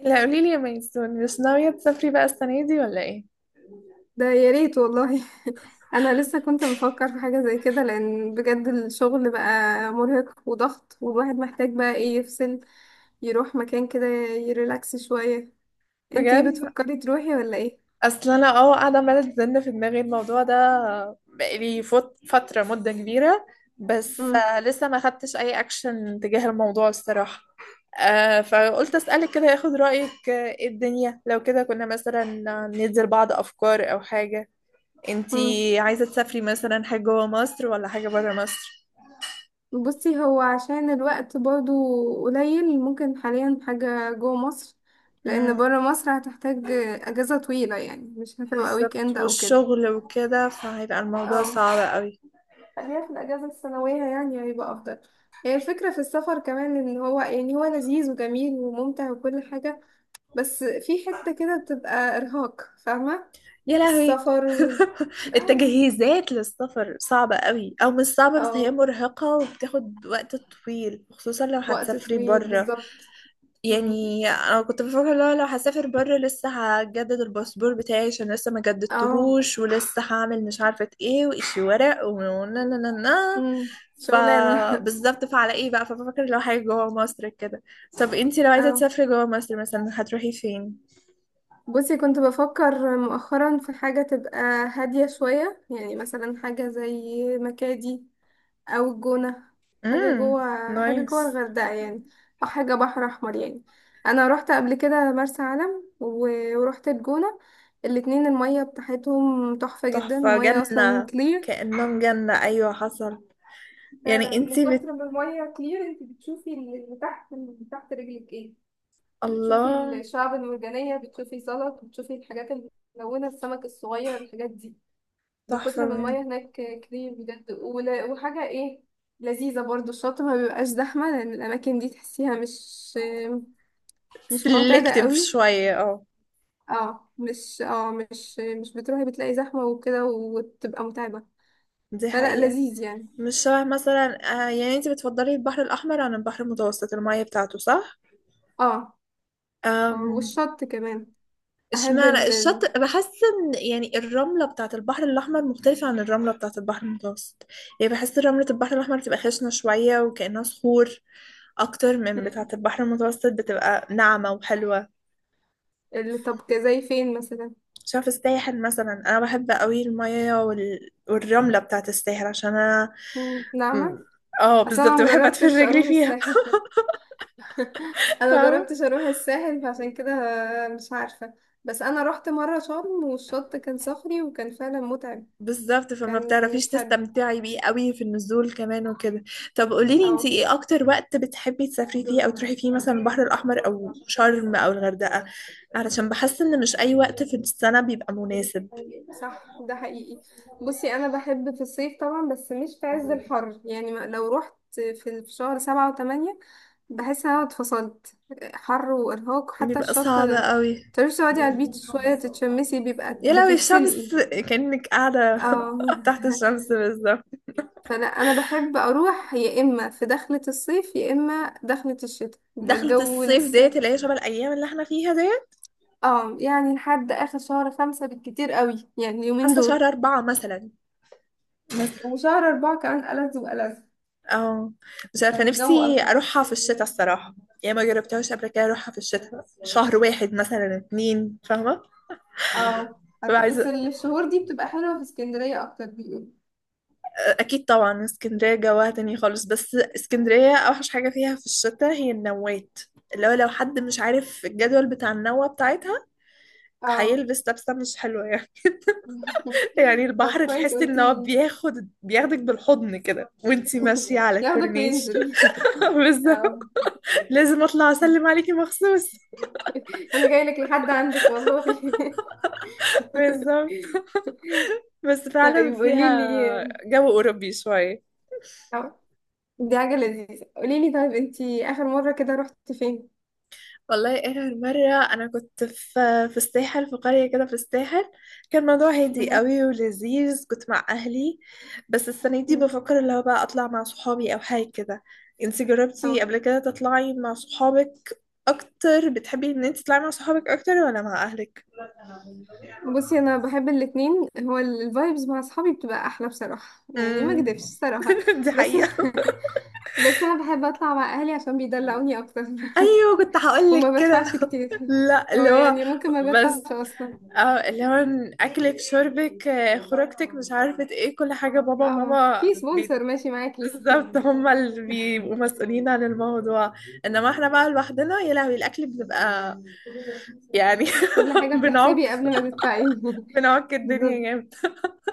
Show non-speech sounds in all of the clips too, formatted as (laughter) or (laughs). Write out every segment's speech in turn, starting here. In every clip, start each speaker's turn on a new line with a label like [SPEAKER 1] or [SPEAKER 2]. [SPEAKER 1] لا قولي لي يا ميسون، مش ناوية تسافري بقى السنة دي ولا ايه؟
[SPEAKER 2] ده يا ريت والله. (laughs) انا لسه كنت بفكر في حاجه زي كده لان بجد الشغل بقى مرهق وضغط، والواحد محتاج بقى ايه؟ يفصل، يروح مكان كده، يريلاكس شويه. انتي
[SPEAKER 1] بجد
[SPEAKER 2] بتفكري تروحي ولا ايه؟
[SPEAKER 1] اصل انا قاعدة عمالة تزن في دماغي الموضوع ده. بقالي فترة مدة كبيرة، بس
[SPEAKER 2] امم
[SPEAKER 1] لسه ما خدتش اي اكشن تجاه الموضوع الصراحة. فقلت اسألك كده ياخد رأيك، ايه الدنيا لو كده كنا مثلا ندي لبعض افكار او حاجة.
[SPEAKER 2] امم
[SPEAKER 1] انتي عايزة تسافري مثلا حاجة جوه مصر ولا حاجة برا مصر؟
[SPEAKER 2] بصي هو عشان الوقت برضو قليل ممكن حاليا حاجه جوه مصر، لان
[SPEAKER 1] امم
[SPEAKER 2] بره مصر هتحتاج اجازه طويله، يعني مش هتبقى ويك
[SPEAKER 1] بالظبط،
[SPEAKER 2] اند او كده.
[SPEAKER 1] والشغل وكده فهيبقى الموضوع
[SPEAKER 2] اه،
[SPEAKER 1] صعب قوي.
[SPEAKER 2] خليها في الأجازة السنوية يعني، هيبقى أفضل. هي الفكرة في السفر كمان، إن هو يعني هو لذيذ وجميل وممتع وكل حاجة، بس في حتة كده بتبقى إرهاق فاهمة.
[SPEAKER 1] يا لهوي!
[SPEAKER 2] السفر وال
[SPEAKER 1] (laughs)
[SPEAKER 2] اه.
[SPEAKER 1] التجهيزات للسفر صعبة قوي، أو مش صعبة بس هي
[SPEAKER 2] اه،
[SPEAKER 1] مرهقة وبتاخد وقت طويل خصوصا لو
[SPEAKER 2] وقت
[SPEAKER 1] هتسافري
[SPEAKER 2] طويل
[SPEAKER 1] برا.
[SPEAKER 2] بالظبط. مم.
[SPEAKER 1] يعني أنا كنت بفكر لو هسافر برا، لسه هجدد الباسبور بتاعي عشان لسه ما
[SPEAKER 2] اه.
[SPEAKER 1] جددتهوش، ولسه هعمل مش عارفة ايه، وإشي ورق ونا نا نا نا. ف
[SPEAKER 2] شغلانة. (laughs)
[SPEAKER 1] بالظبط، فعلى ايه بقى، فبفكر لو حاجة جوا مصر كده. طب انتي لو عايزة
[SPEAKER 2] اه،
[SPEAKER 1] تسافري جوا مصر، مثلا هتروحي فين؟
[SPEAKER 2] بصي كنت بفكر مؤخرا في حاجة تبقى هادية شوية، يعني مثلا حاجة زي مكادي او الجونة، حاجة
[SPEAKER 1] امم
[SPEAKER 2] جوه حاجة جوه
[SPEAKER 1] نايس.
[SPEAKER 2] الغردقة يعني، او حاجة بحر احمر يعني. انا روحت قبل كده مرسى علم وروحت الجونة، الاتنين المية بتاعتهم تحفة جدا،
[SPEAKER 1] تحفة،
[SPEAKER 2] المية اصلا
[SPEAKER 1] جنة.
[SPEAKER 2] كلير.
[SPEAKER 1] كأنهم جنة. أيوة، حصل. يعني
[SPEAKER 2] فعلا من
[SPEAKER 1] انتي بت...
[SPEAKER 2] كتر ما المية كلير انت بتشوفي اللي تحت، اللي تحت رجلك ايه، بتشوفي
[SPEAKER 1] الله،
[SPEAKER 2] الشعب المرجانية، بتشوفي سلط، بتشوفي الحاجات الملونة، السمك الصغير، الحاجات دي، من
[SPEAKER 1] تحفة
[SPEAKER 2] كتر ما
[SPEAKER 1] بجد.
[SPEAKER 2] المية هناك كتير بجد. وحاجة ايه لذيذة برضو، الشاطئ ما بيبقاش زحمة لأن الأماكن دي تحسيها مش معتادة
[SPEAKER 1] سلكتيف
[SPEAKER 2] قوي.
[SPEAKER 1] شوية، اه.
[SPEAKER 2] اه، مش بتروحي بتلاقي زحمة وكده وتبقى متعبة،
[SPEAKER 1] دي
[SPEAKER 2] فلا
[SPEAKER 1] حقيقة.
[SPEAKER 2] لذيذ يعني.
[SPEAKER 1] مش شبه مثلا، يعني انتي بتفضلي البحر الأحمر عن البحر المتوسط، المية بتاعته، صح؟
[SPEAKER 2] اه.
[SPEAKER 1] أم،
[SPEAKER 2] والشط كمان. أحب
[SPEAKER 1] اشمعنى
[SPEAKER 2] ال ال-
[SPEAKER 1] الشط، بحس ان يعني الرملة بتاعت البحر الأحمر مختلفة عن الرملة بتاعت البحر المتوسط. يعني بحس رملة البحر الأحمر بتبقى خشنة شوية وكأنها صخور، أكتر من
[SPEAKER 2] مم.
[SPEAKER 1] بتاعت البحر المتوسط بتبقى ناعمة وحلوة.
[SPEAKER 2] طب زي فين مثلا؟
[SPEAKER 1] شاف الساحل مثلا، انا بحب قوي المية وال... والرملة بتاعت الساحل عشان انا
[SPEAKER 2] مم،
[SPEAKER 1] م-
[SPEAKER 2] نعمة.
[SPEAKER 1] اه
[SPEAKER 2] أصلا أنا
[SPEAKER 1] بالظبط، بحب ادفن
[SPEAKER 2] مجربتش
[SPEAKER 1] رجلي
[SPEAKER 2] أروح
[SPEAKER 1] فيها.
[SPEAKER 2] الساحل. (laughs)
[SPEAKER 1] (laughs)
[SPEAKER 2] انا
[SPEAKER 1] فاهمة.
[SPEAKER 2] جربتش اروح الساحل، فعشان كده مش عارفة. بس انا رحت مرة شرم والشط كان صخري وكان فعلا متعب،
[SPEAKER 1] بالظبط، فما
[SPEAKER 2] كان
[SPEAKER 1] بتعرفيش
[SPEAKER 2] مش حلو.
[SPEAKER 1] تستمتعي بيه قوي في النزول كمان وكده. طب قوليلي انتي
[SPEAKER 2] اه،
[SPEAKER 1] ايه اكتر وقت بتحبي تسافري فيه او تروحي فيه، مثلا البحر الاحمر او شرم او الغردقة، علشان بحس ان مش اي وقت في السنة بيبقى مناسب.
[SPEAKER 2] صح، ده حقيقي. بصي، انا بحب في الصيف طبعا بس مش في عز الحر يعني. لو رحت في في شهر 7 و8 بحس ان انا اتفصلت، حر وارهاق، حتى
[SPEAKER 1] بيبقى
[SPEAKER 2] الشط
[SPEAKER 1] صعب قوي.
[SPEAKER 2] تروحي تقعدي على البيتش شوية تتشمسي بيبقى
[SPEAKER 1] يا لهوي
[SPEAKER 2] بتتسلقي.
[SPEAKER 1] الشمس، كأنك قاعدة
[SPEAKER 2] اه. (laughs)
[SPEAKER 1] (laughs) تحت الشمس بالظبط.
[SPEAKER 2] فانا بحب اروح يا اما في دخلة الصيف يا اما دخلة الشتاء يبقى
[SPEAKER 1] دخلة
[SPEAKER 2] الجو
[SPEAKER 1] الصيف
[SPEAKER 2] لسه.
[SPEAKER 1] ديت اللي هي شبه الأيام اللي احنا فيها ديت.
[SPEAKER 2] اه، يعني لحد اخر شهر 5 بالكتير قوي، يعني اليومين
[SPEAKER 1] حاسة شهر
[SPEAKER 2] دول.
[SPEAKER 1] أربعة مثلا. مثلا،
[SPEAKER 2] وشهر اربعة كمان ألذ وألذ،
[SPEAKER 1] اه. مش عارفة،
[SPEAKER 2] يعني الجو
[SPEAKER 1] نفسي
[SPEAKER 2] ألطف.
[SPEAKER 1] أروحها في الشتاء الصراحة. يعني ما جربتهاش قبل كده أروحها في الشتاء، شهر واحد مثلا اتنين، فاهمة. ببقى
[SPEAKER 2] بس
[SPEAKER 1] عايزة.
[SPEAKER 2] الشهور دي بتبقى حلوة في اسكندرية اكتر بيقولوا.
[SPEAKER 1] أكيد طبعا اسكندرية جواها تاني خالص، بس اسكندرية أوحش حاجة فيها في الشتاء هي النوات، اللي هو لو حد مش عارف الجدول بتاع النوة بتاعتها،
[SPEAKER 2] اه.
[SPEAKER 1] هيلبس لبسة مش حلوة يعني. (laughs) يعني
[SPEAKER 2] (laughs) طب
[SPEAKER 1] البحر
[SPEAKER 2] كويس
[SPEAKER 1] تحس ان هو
[SPEAKER 2] قلتيلي.
[SPEAKER 1] بياخدك بالحضن كده وانتي
[SPEAKER 2] (laughs)
[SPEAKER 1] ماشية على
[SPEAKER 2] ياخدك
[SPEAKER 1] الكورنيش.
[SPEAKER 2] وينزل.
[SPEAKER 1] (laughs)
[SPEAKER 2] (laughs)
[SPEAKER 1] بالظبط.
[SPEAKER 2] اه.
[SPEAKER 1] لازم اطلع اسلم عليكي مخصوص.
[SPEAKER 2] انا جايلك لحد عندك والله.
[SPEAKER 1] بالظبط.
[SPEAKER 2] (laughs)
[SPEAKER 1] بس فعلا
[SPEAKER 2] طيب
[SPEAKER 1] فيها
[SPEAKER 2] قوليلي،
[SPEAKER 1] جو اوروبي شويه.
[SPEAKER 2] دي حاجة لذيذة. قوليلي طيب، انتي آخر مرة كده رحتي فين؟
[SPEAKER 1] والله اخر مره انا كنت في الساحل، في قريه كده في الساحل، كان الموضوع هادي
[SPEAKER 2] مهم.
[SPEAKER 1] قوي ولذيذ، كنت مع اهلي. بس السنه دي
[SPEAKER 2] مم.
[SPEAKER 1] بفكر اللي هو بقى اطلع مع صحابي او حاجه كده. انتي جربتي
[SPEAKER 2] اه،
[SPEAKER 1] قبل كده تطلعي مع صحابك؟ اكتر بتحبي ان انت تطلعي مع صحابك اكتر ولا مع اهلك؟
[SPEAKER 2] بصي انا بحب الاتنين، هو الفايبز مع اصحابي بتبقى احلى بصراحة، يعني ما اكدبش
[SPEAKER 1] امم.
[SPEAKER 2] الصراحة.
[SPEAKER 1] (laughs) دي
[SPEAKER 2] بس
[SPEAKER 1] حقيقه.
[SPEAKER 2] (laughs) بس انا بحب اطلع مع اهلي عشان بيدلعوني اكتر.
[SPEAKER 1] ايوه كنت
[SPEAKER 2] (laughs) وما
[SPEAKER 1] هقولك
[SPEAKER 2] بدفعش
[SPEAKER 1] كده.
[SPEAKER 2] كتير،
[SPEAKER 1] (laughs) لا
[SPEAKER 2] هو
[SPEAKER 1] اللي هو،
[SPEAKER 2] يعني ممكن ما بدفعش
[SPEAKER 1] بس
[SPEAKER 2] اصلا.
[SPEAKER 1] اه اللي هو اكلك شربك، خروجتك، مش عارفة ايه، كل حاجة بابا
[SPEAKER 2] اه،
[SPEAKER 1] وماما
[SPEAKER 2] في سبونسر ماشي معاكي.
[SPEAKER 1] بالظبط، هما اللي بيبقوا مسؤولين عن الموضوع. انما احنا بقى لوحدنا، يا لهوي الاكل، بنبقى يعني
[SPEAKER 2] (laughs) كل
[SPEAKER 1] (laughs)
[SPEAKER 2] حاجة بتحسبي
[SPEAKER 1] بنعك
[SPEAKER 2] قبل ما تدفعي. (laughs)
[SPEAKER 1] بنعك الدنيا
[SPEAKER 2] بالظبط.
[SPEAKER 1] جامد.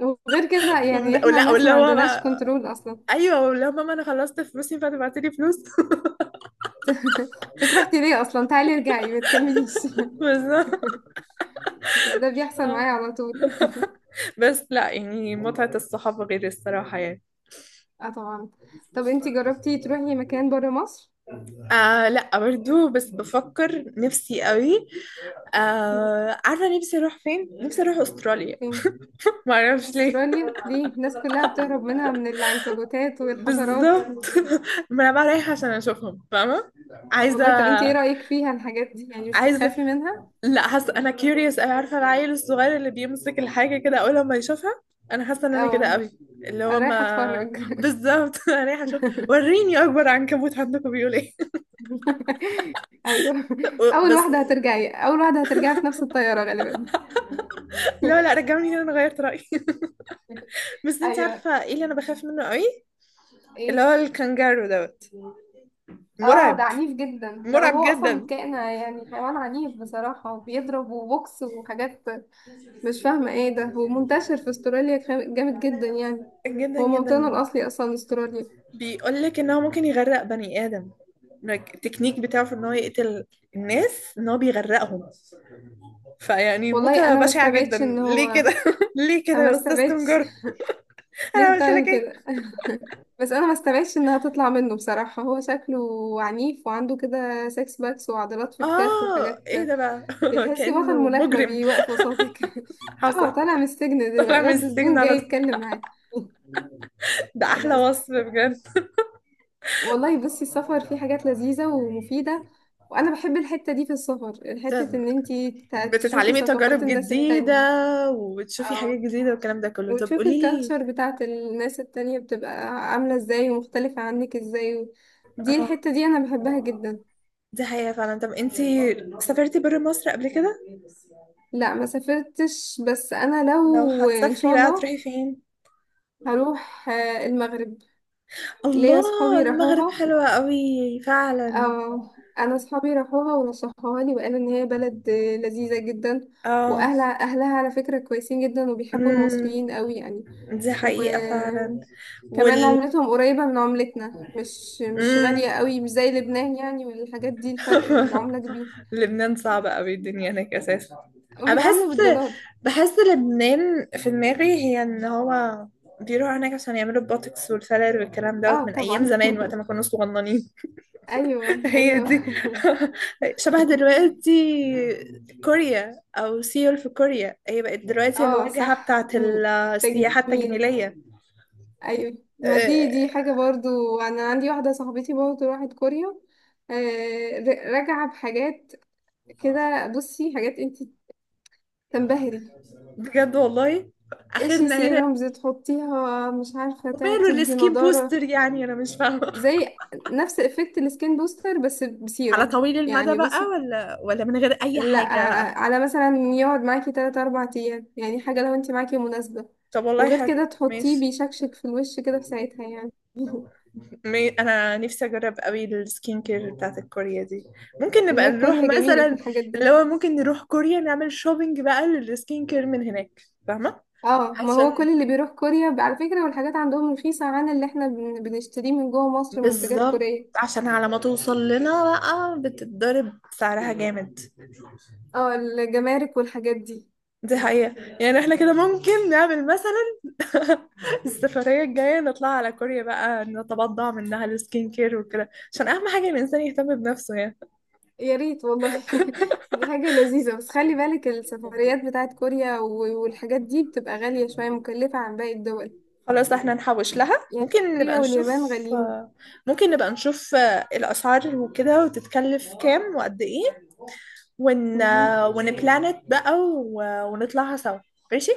[SPEAKER 2] وغير كده يعني احنا
[SPEAKER 1] ولا
[SPEAKER 2] ناس
[SPEAKER 1] واللي
[SPEAKER 2] ما
[SPEAKER 1] هو
[SPEAKER 2] عندناش
[SPEAKER 1] بقى،
[SPEAKER 2] كنترول اصلا.
[SPEAKER 1] ايوه واللي هو ماما انا خلصت فلوسي فتبعتلي فلوس. (laughs)
[SPEAKER 2] (laughs) انتك رحتي ليه اصلا؟ تعالي ارجعي ما تكمليش. (laughs)
[SPEAKER 1] بالظبط.
[SPEAKER 2] ده بيحصل معايا على طول. (laughs)
[SPEAKER 1] بس لا، يعني متعة الصحاب غير الصراحة يعني.
[SPEAKER 2] اه طبعا. طب انتي جربتي تروحي مكان بره مصر؟
[SPEAKER 1] لا برضو، بس بفكر نفسي قوي.
[SPEAKER 2] مم.
[SPEAKER 1] عارفة نفسي اروح فين؟ نفسي اروح استراليا.
[SPEAKER 2] فين؟
[SPEAKER 1] معرفش ليه.
[SPEAKER 2] استراليا ليه، الناس كلها بتهرب منها من العنكبوتات والحشرات.
[SPEAKER 1] بالظبط.
[SPEAKER 2] (laughs)
[SPEAKER 1] (laughs) ما انا بقى رايحة عشان اشوفهم، فاهمة؟ عايزة.
[SPEAKER 2] والله، طب انتي ايه رأيك فيها الحاجات دي، يعني مش
[SPEAKER 1] عايزة.
[SPEAKER 2] بتخافي منها؟
[SPEAKER 1] لا حاسة انا curious أوي، عارفة العيل الصغير اللي بيمسك الحاجة كده اول لما يشوفها، انا حاسة ان انا كده
[SPEAKER 2] اه.
[SPEAKER 1] قوي. اللي
[SPEAKER 2] انا
[SPEAKER 1] هو
[SPEAKER 2] رايحة
[SPEAKER 1] ما،
[SPEAKER 2] اتفرج.
[SPEAKER 1] بالظبط. (laughs) انا رايحة اشوف،
[SPEAKER 2] (laughs)
[SPEAKER 1] وريني اكبر عنكبوت عندكم بيقول ايه.
[SPEAKER 2] ايوه،
[SPEAKER 1] (laughs)
[SPEAKER 2] اول
[SPEAKER 1] بس
[SPEAKER 2] واحدة هترجعي، اول واحدة هترجعي في نفس الطيارة غالبا.
[SPEAKER 1] لا لا،
[SPEAKER 2] (laughs)
[SPEAKER 1] رجعوني هنا انا غيرت رأيي. (laughs) بس انت
[SPEAKER 2] ايوه.
[SPEAKER 1] عارفة ايه اللي انا بخاف منه قوي؟ اللي
[SPEAKER 2] ايه؟
[SPEAKER 1] هو الكنجارو دوت.
[SPEAKER 2] اه، ده
[SPEAKER 1] مرعب.
[SPEAKER 2] عنيف جدا، لا
[SPEAKER 1] مرعب
[SPEAKER 2] هو اصلا
[SPEAKER 1] جدا.
[SPEAKER 2] كائن يعني حيوان عنيف بصراحة، وبيضرب وبوكس وحاجات مش فاهمة ايه ده، ومنتشر في استراليا. جامد جدا يعني،
[SPEAKER 1] جدا
[SPEAKER 2] هو موطنه
[SPEAKER 1] جدا.
[SPEAKER 2] الاصلي اصلا استراليا.
[SPEAKER 1] بيقول لك ان هو ممكن يغرق بني ادم، like التكنيك بتاعه في ان هو يقتل الناس ان هو بيغرقهم، فيعني
[SPEAKER 2] والله
[SPEAKER 1] موتة
[SPEAKER 2] انا ما
[SPEAKER 1] بشعة جدا،
[SPEAKER 2] استبعدش ان
[SPEAKER 1] ليه
[SPEAKER 2] هو،
[SPEAKER 1] كده. (laughs) ليه كده
[SPEAKER 2] انا ما
[SPEAKER 1] يا استاذ
[SPEAKER 2] استبعدش.
[SPEAKER 1] كنجارو،
[SPEAKER 2] (laughs)
[SPEAKER 1] انا
[SPEAKER 2] ليه
[SPEAKER 1] عملت لك
[SPEAKER 2] بتعمل
[SPEAKER 1] ايه؟
[SPEAKER 2] كده؟ (laughs) بس انا ما استبعدش انها تطلع منه بصراحة، هو شكله عنيف وعنده كده سكس باكس وعضلات في كتافه
[SPEAKER 1] اه
[SPEAKER 2] وحاجات،
[SPEAKER 1] ايه ده بقى، (laughs)
[SPEAKER 2] تحسي بطل
[SPEAKER 1] كأنه
[SPEAKER 2] ملاكمة
[SPEAKER 1] مجرم.
[SPEAKER 2] بيوقف قصادك. (laughs) اه،
[SPEAKER 1] حصل،
[SPEAKER 2] طالع من السجن
[SPEAKER 1] طلع
[SPEAKER 2] دلوقتي،
[SPEAKER 1] من
[SPEAKER 2] رد
[SPEAKER 1] السجن
[SPEAKER 2] سجون جاي
[SPEAKER 1] على طول.
[SPEAKER 2] يتكلم معاك. (laughs)
[SPEAKER 1] ده احلى
[SPEAKER 2] انا،
[SPEAKER 1] وصف بجد. (laughs)
[SPEAKER 2] والله بصي السفر فيه حاجات لذيذة ومفيدة، وانا بحب الحتة دي في السفر، حتة
[SPEAKER 1] طب
[SPEAKER 2] ان انتي تشوفي
[SPEAKER 1] بتتعلمي
[SPEAKER 2] ثقافات
[SPEAKER 1] تجارب
[SPEAKER 2] الناس
[SPEAKER 1] جديدة
[SPEAKER 2] التانية.
[SPEAKER 1] وبتشوفي حاجات
[SPEAKER 2] اه،
[SPEAKER 1] جديدة والكلام ده كله، طب
[SPEAKER 2] وتشوفي
[SPEAKER 1] قولي لي،
[SPEAKER 2] الكالتشر بتاعت الناس التانية بتبقى عاملة ازاي ومختلفة عنك ازاي، و... دي
[SPEAKER 1] اه.
[SPEAKER 2] الحتة دي انا بحبها جدا.
[SPEAKER 1] دي حقيقة فعلا. طب انتي سافرتي برا مصر قبل كده؟
[SPEAKER 2] لا ما سافرتش، بس انا
[SPEAKER 1] لو
[SPEAKER 2] لو ان
[SPEAKER 1] هتسافري
[SPEAKER 2] شاء
[SPEAKER 1] بقى تروحي
[SPEAKER 2] الله
[SPEAKER 1] فين؟
[SPEAKER 2] هروح المغرب، ليا
[SPEAKER 1] الله.
[SPEAKER 2] صحابي
[SPEAKER 1] المغرب
[SPEAKER 2] راحوها.
[SPEAKER 1] حلوة قوي فعلا.
[SPEAKER 2] اه، انا اصحابي راحوها ونصحوها لي، وقالوا ان هي بلد لذيذه جدا.
[SPEAKER 1] اه.
[SPEAKER 2] واهلها، على فكره كويسين جدا وبيحبوا
[SPEAKER 1] امم.
[SPEAKER 2] المصريين قوي يعني.
[SPEAKER 1] دي حقيقة فعلا.
[SPEAKER 2] وكمان
[SPEAKER 1] وال،
[SPEAKER 2] عملتهم قريبه من عملتنا، مش
[SPEAKER 1] امم.
[SPEAKER 2] غاليه قوي، مش زي لبنان يعني والحاجات دي، الفرق
[SPEAKER 1] (laughs)
[SPEAKER 2] العمله كبير،
[SPEAKER 1] لبنان صعبة قوي الدنيا هناك اساسا. انا
[SPEAKER 2] وبيتعاملوا
[SPEAKER 1] بحس،
[SPEAKER 2] بالدولار.
[SPEAKER 1] بحس لبنان في دماغي هي ان هو بيروحوا هناك عشان يعملوا البوتوكس والفيلر والكلام دوت
[SPEAKER 2] اه
[SPEAKER 1] من ايام
[SPEAKER 2] طبعا.
[SPEAKER 1] زمان وقت ما كنا صغننين.
[SPEAKER 2] (laughs) ايوه
[SPEAKER 1] هي
[SPEAKER 2] ايوه.
[SPEAKER 1] دي.
[SPEAKER 2] (laughs)
[SPEAKER 1] (laughs) شبه دلوقتي كوريا، او سيول في كوريا، هي بقت دلوقتي
[SPEAKER 2] اه،
[SPEAKER 1] الواجهة
[SPEAKER 2] صح.
[SPEAKER 1] بتاعت
[SPEAKER 2] مم،
[SPEAKER 1] السياحة
[SPEAKER 2] تجميل.
[SPEAKER 1] التجميلية.
[SPEAKER 2] ايوه، ما
[SPEAKER 1] أه،
[SPEAKER 2] دي حاجه برضو، انا عندي واحده صاحبتي برضو راحت كوريا. راجعه بحاجات كده، بصي حاجات انت تنبهري،
[SPEAKER 1] بجد والله.
[SPEAKER 2] ايش
[SPEAKER 1] اخرنا هنا.
[SPEAKER 2] سيرمز تحطيها، مش عارفه
[SPEAKER 1] وماله
[SPEAKER 2] تدي
[SPEAKER 1] السكين
[SPEAKER 2] نضاره،
[SPEAKER 1] بوستر يعني، انا مش فاهمة.
[SPEAKER 2] زي نفس افكت السكين بوستر بس
[SPEAKER 1] (laughs) على
[SPEAKER 2] بسيرم
[SPEAKER 1] طويل المدى
[SPEAKER 2] يعني
[SPEAKER 1] بقى،
[SPEAKER 2] بصي.
[SPEAKER 1] ولا من غير اي
[SPEAKER 2] لا،
[SPEAKER 1] حاجة؟
[SPEAKER 2] على مثلا يقعد معاكي 3 4 ايام يعني، حاجه لو انت معاكي مناسبه،
[SPEAKER 1] طب والله
[SPEAKER 2] وغير
[SPEAKER 1] حلو
[SPEAKER 2] كده تحطيه
[SPEAKER 1] ماشي.
[SPEAKER 2] بيشكشك في الوش كده في ساعتها يعني. (laughs)
[SPEAKER 1] انا نفسي اجرب قوي السكين كير بتاعت الكوريا دي. ممكن نبقى
[SPEAKER 2] لا،
[SPEAKER 1] نروح
[SPEAKER 2] كوريا جميله في
[SPEAKER 1] مثلا،
[SPEAKER 2] الحاجات دي.
[SPEAKER 1] اللي هو ممكن نروح كوريا نعمل شوبينج بقى للسكين كير من هناك، فاهمة.
[SPEAKER 2] اه، ما هو
[SPEAKER 1] عشان
[SPEAKER 2] كل اللي بيروح كوريا، على فكرة والحاجات عندهم رخيصة عن اللي احنا بنشتريه من جوه مصر منتجات
[SPEAKER 1] بالظبط،
[SPEAKER 2] كورية.
[SPEAKER 1] عشان على ما توصل لنا بقى بتتضرب سعرها جامد.
[SPEAKER 2] اه، الجمارك والحاجات دي.
[SPEAKER 1] دي حقيقة. يعني احنا كده ممكن نعمل مثلا السفرية الجاية نطلع على كوريا بقى، نتبضع منها السكين كير وكده، عشان اهم حاجة الانسان يهتم بنفسه يعني.
[SPEAKER 2] يا ريت والله. (laughs) دي حاجة لذيذة، بس خلي بالك السفريات بتاعت كوريا والحاجات دي بتبقى غالية شوية، مكلفة عن باقي الدول
[SPEAKER 1] خلاص احنا نحوش لها،
[SPEAKER 2] يعني،
[SPEAKER 1] ممكن نبقى
[SPEAKER 2] كوريا واليابان
[SPEAKER 1] نشوف.
[SPEAKER 2] غاليين.
[SPEAKER 1] آه، ممكن نبقى نشوف الأسعار وكده، وتتكلف كام وقد ايه، ون
[SPEAKER 2] مهم.
[SPEAKER 1] آه، ونبلانت بقى، ونطلعها سوا. ماشي.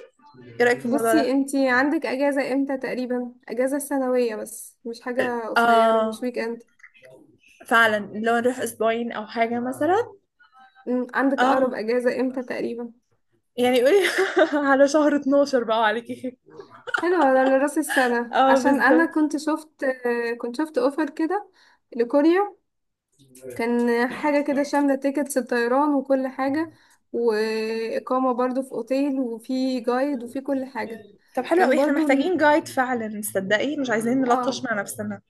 [SPEAKER 1] ايه رأيك في الموضوع
[SPEAKER 2] بصي
[SPEAKER 1] ده؟
[SPEAKER 2] انتي عندك اجازة امتى تقريبا، اجازة سنوية بس مش حاجة قصيرة، مش
[SPEAKER 1] اه
[SPEAKER 2] ويك اند.
[SPEAKER 1] فعلا، لو نروح اسبوعين او حاجة مثلا.
[SPEAKER 2] مم، عندك اقرب
[SPEAKER 1] اه
[SPEAKER 2] اجازة امتى تقريبا؟
[SPEAKER 1] يعني قولي. (laughs) على شهر 12 بقى عليكي.
[SPEAKER 2] حلو، ده لراس السنة،
[SPEAKER 1] اه
[SPEAKER 2] عشان أنا
[SPEAKER 1] بالظبط.
[SPEAKER 2] كنت شفت، كنت شفت أوفر كده لكوريا، كان حاجة كده شاملة تيكتس الطيران وكل حاجة، وإقامة برضو في أوتيل، وفي جايد، وفي كل حاجة.
[SPEAKER 1] طب حلو
[SPEAKER 2] كان
[SPEAKER 1] قوي، احنا
[SPEAKER 2] برضو
[SPEAKER 1] محتاجين
[SPEAKER 2] ال...
[SPEAKER 1] جايد فعلا تصدقي، مش عايزين نلطش
[SPEAKER 2] اه
[SPEAKER 1] مع نفسنا.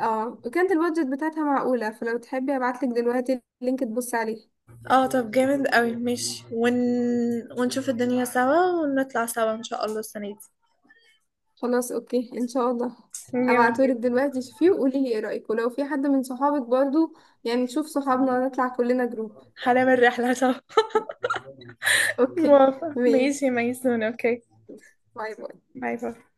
[SPEAKER 2] اه، وكانت البادجت بتاعتها معقولة، فلو تحبي هبعتلك دلوقتي اللينك تبص عليه.
[SPEAKER 1] اه طب جامد قوي ماشي، ونشوف الدنيا سوا ونطلع سوا ان شاء الله السنة دي.
[SPEAKER 2] خلاص اوكي، ان شاء الله.
[SPEAKER 1] جامد
[SPEAKER 2] هبعتهولك
[SPEAKER 1] جدا.
[SPEAKER 2] دلوقتي شوفيه وقولي لي ايه رأيك، ولو في حد من صحابك برضو يعني، شوف صحابنا نطلع كلنا جروب.
[SPEAKER 1] هنعمل رحلة سوا. (laughs)
[SPEAKER 2] اوكي.
[SPEAKER 1] موافقة، ماشي
[SPEAKER 2] ماشي،
[SPEAKER 1] يا ميسون، اوكي.
[SPEAKER 2] باي باي.
[SPEAKER 1] باي باي.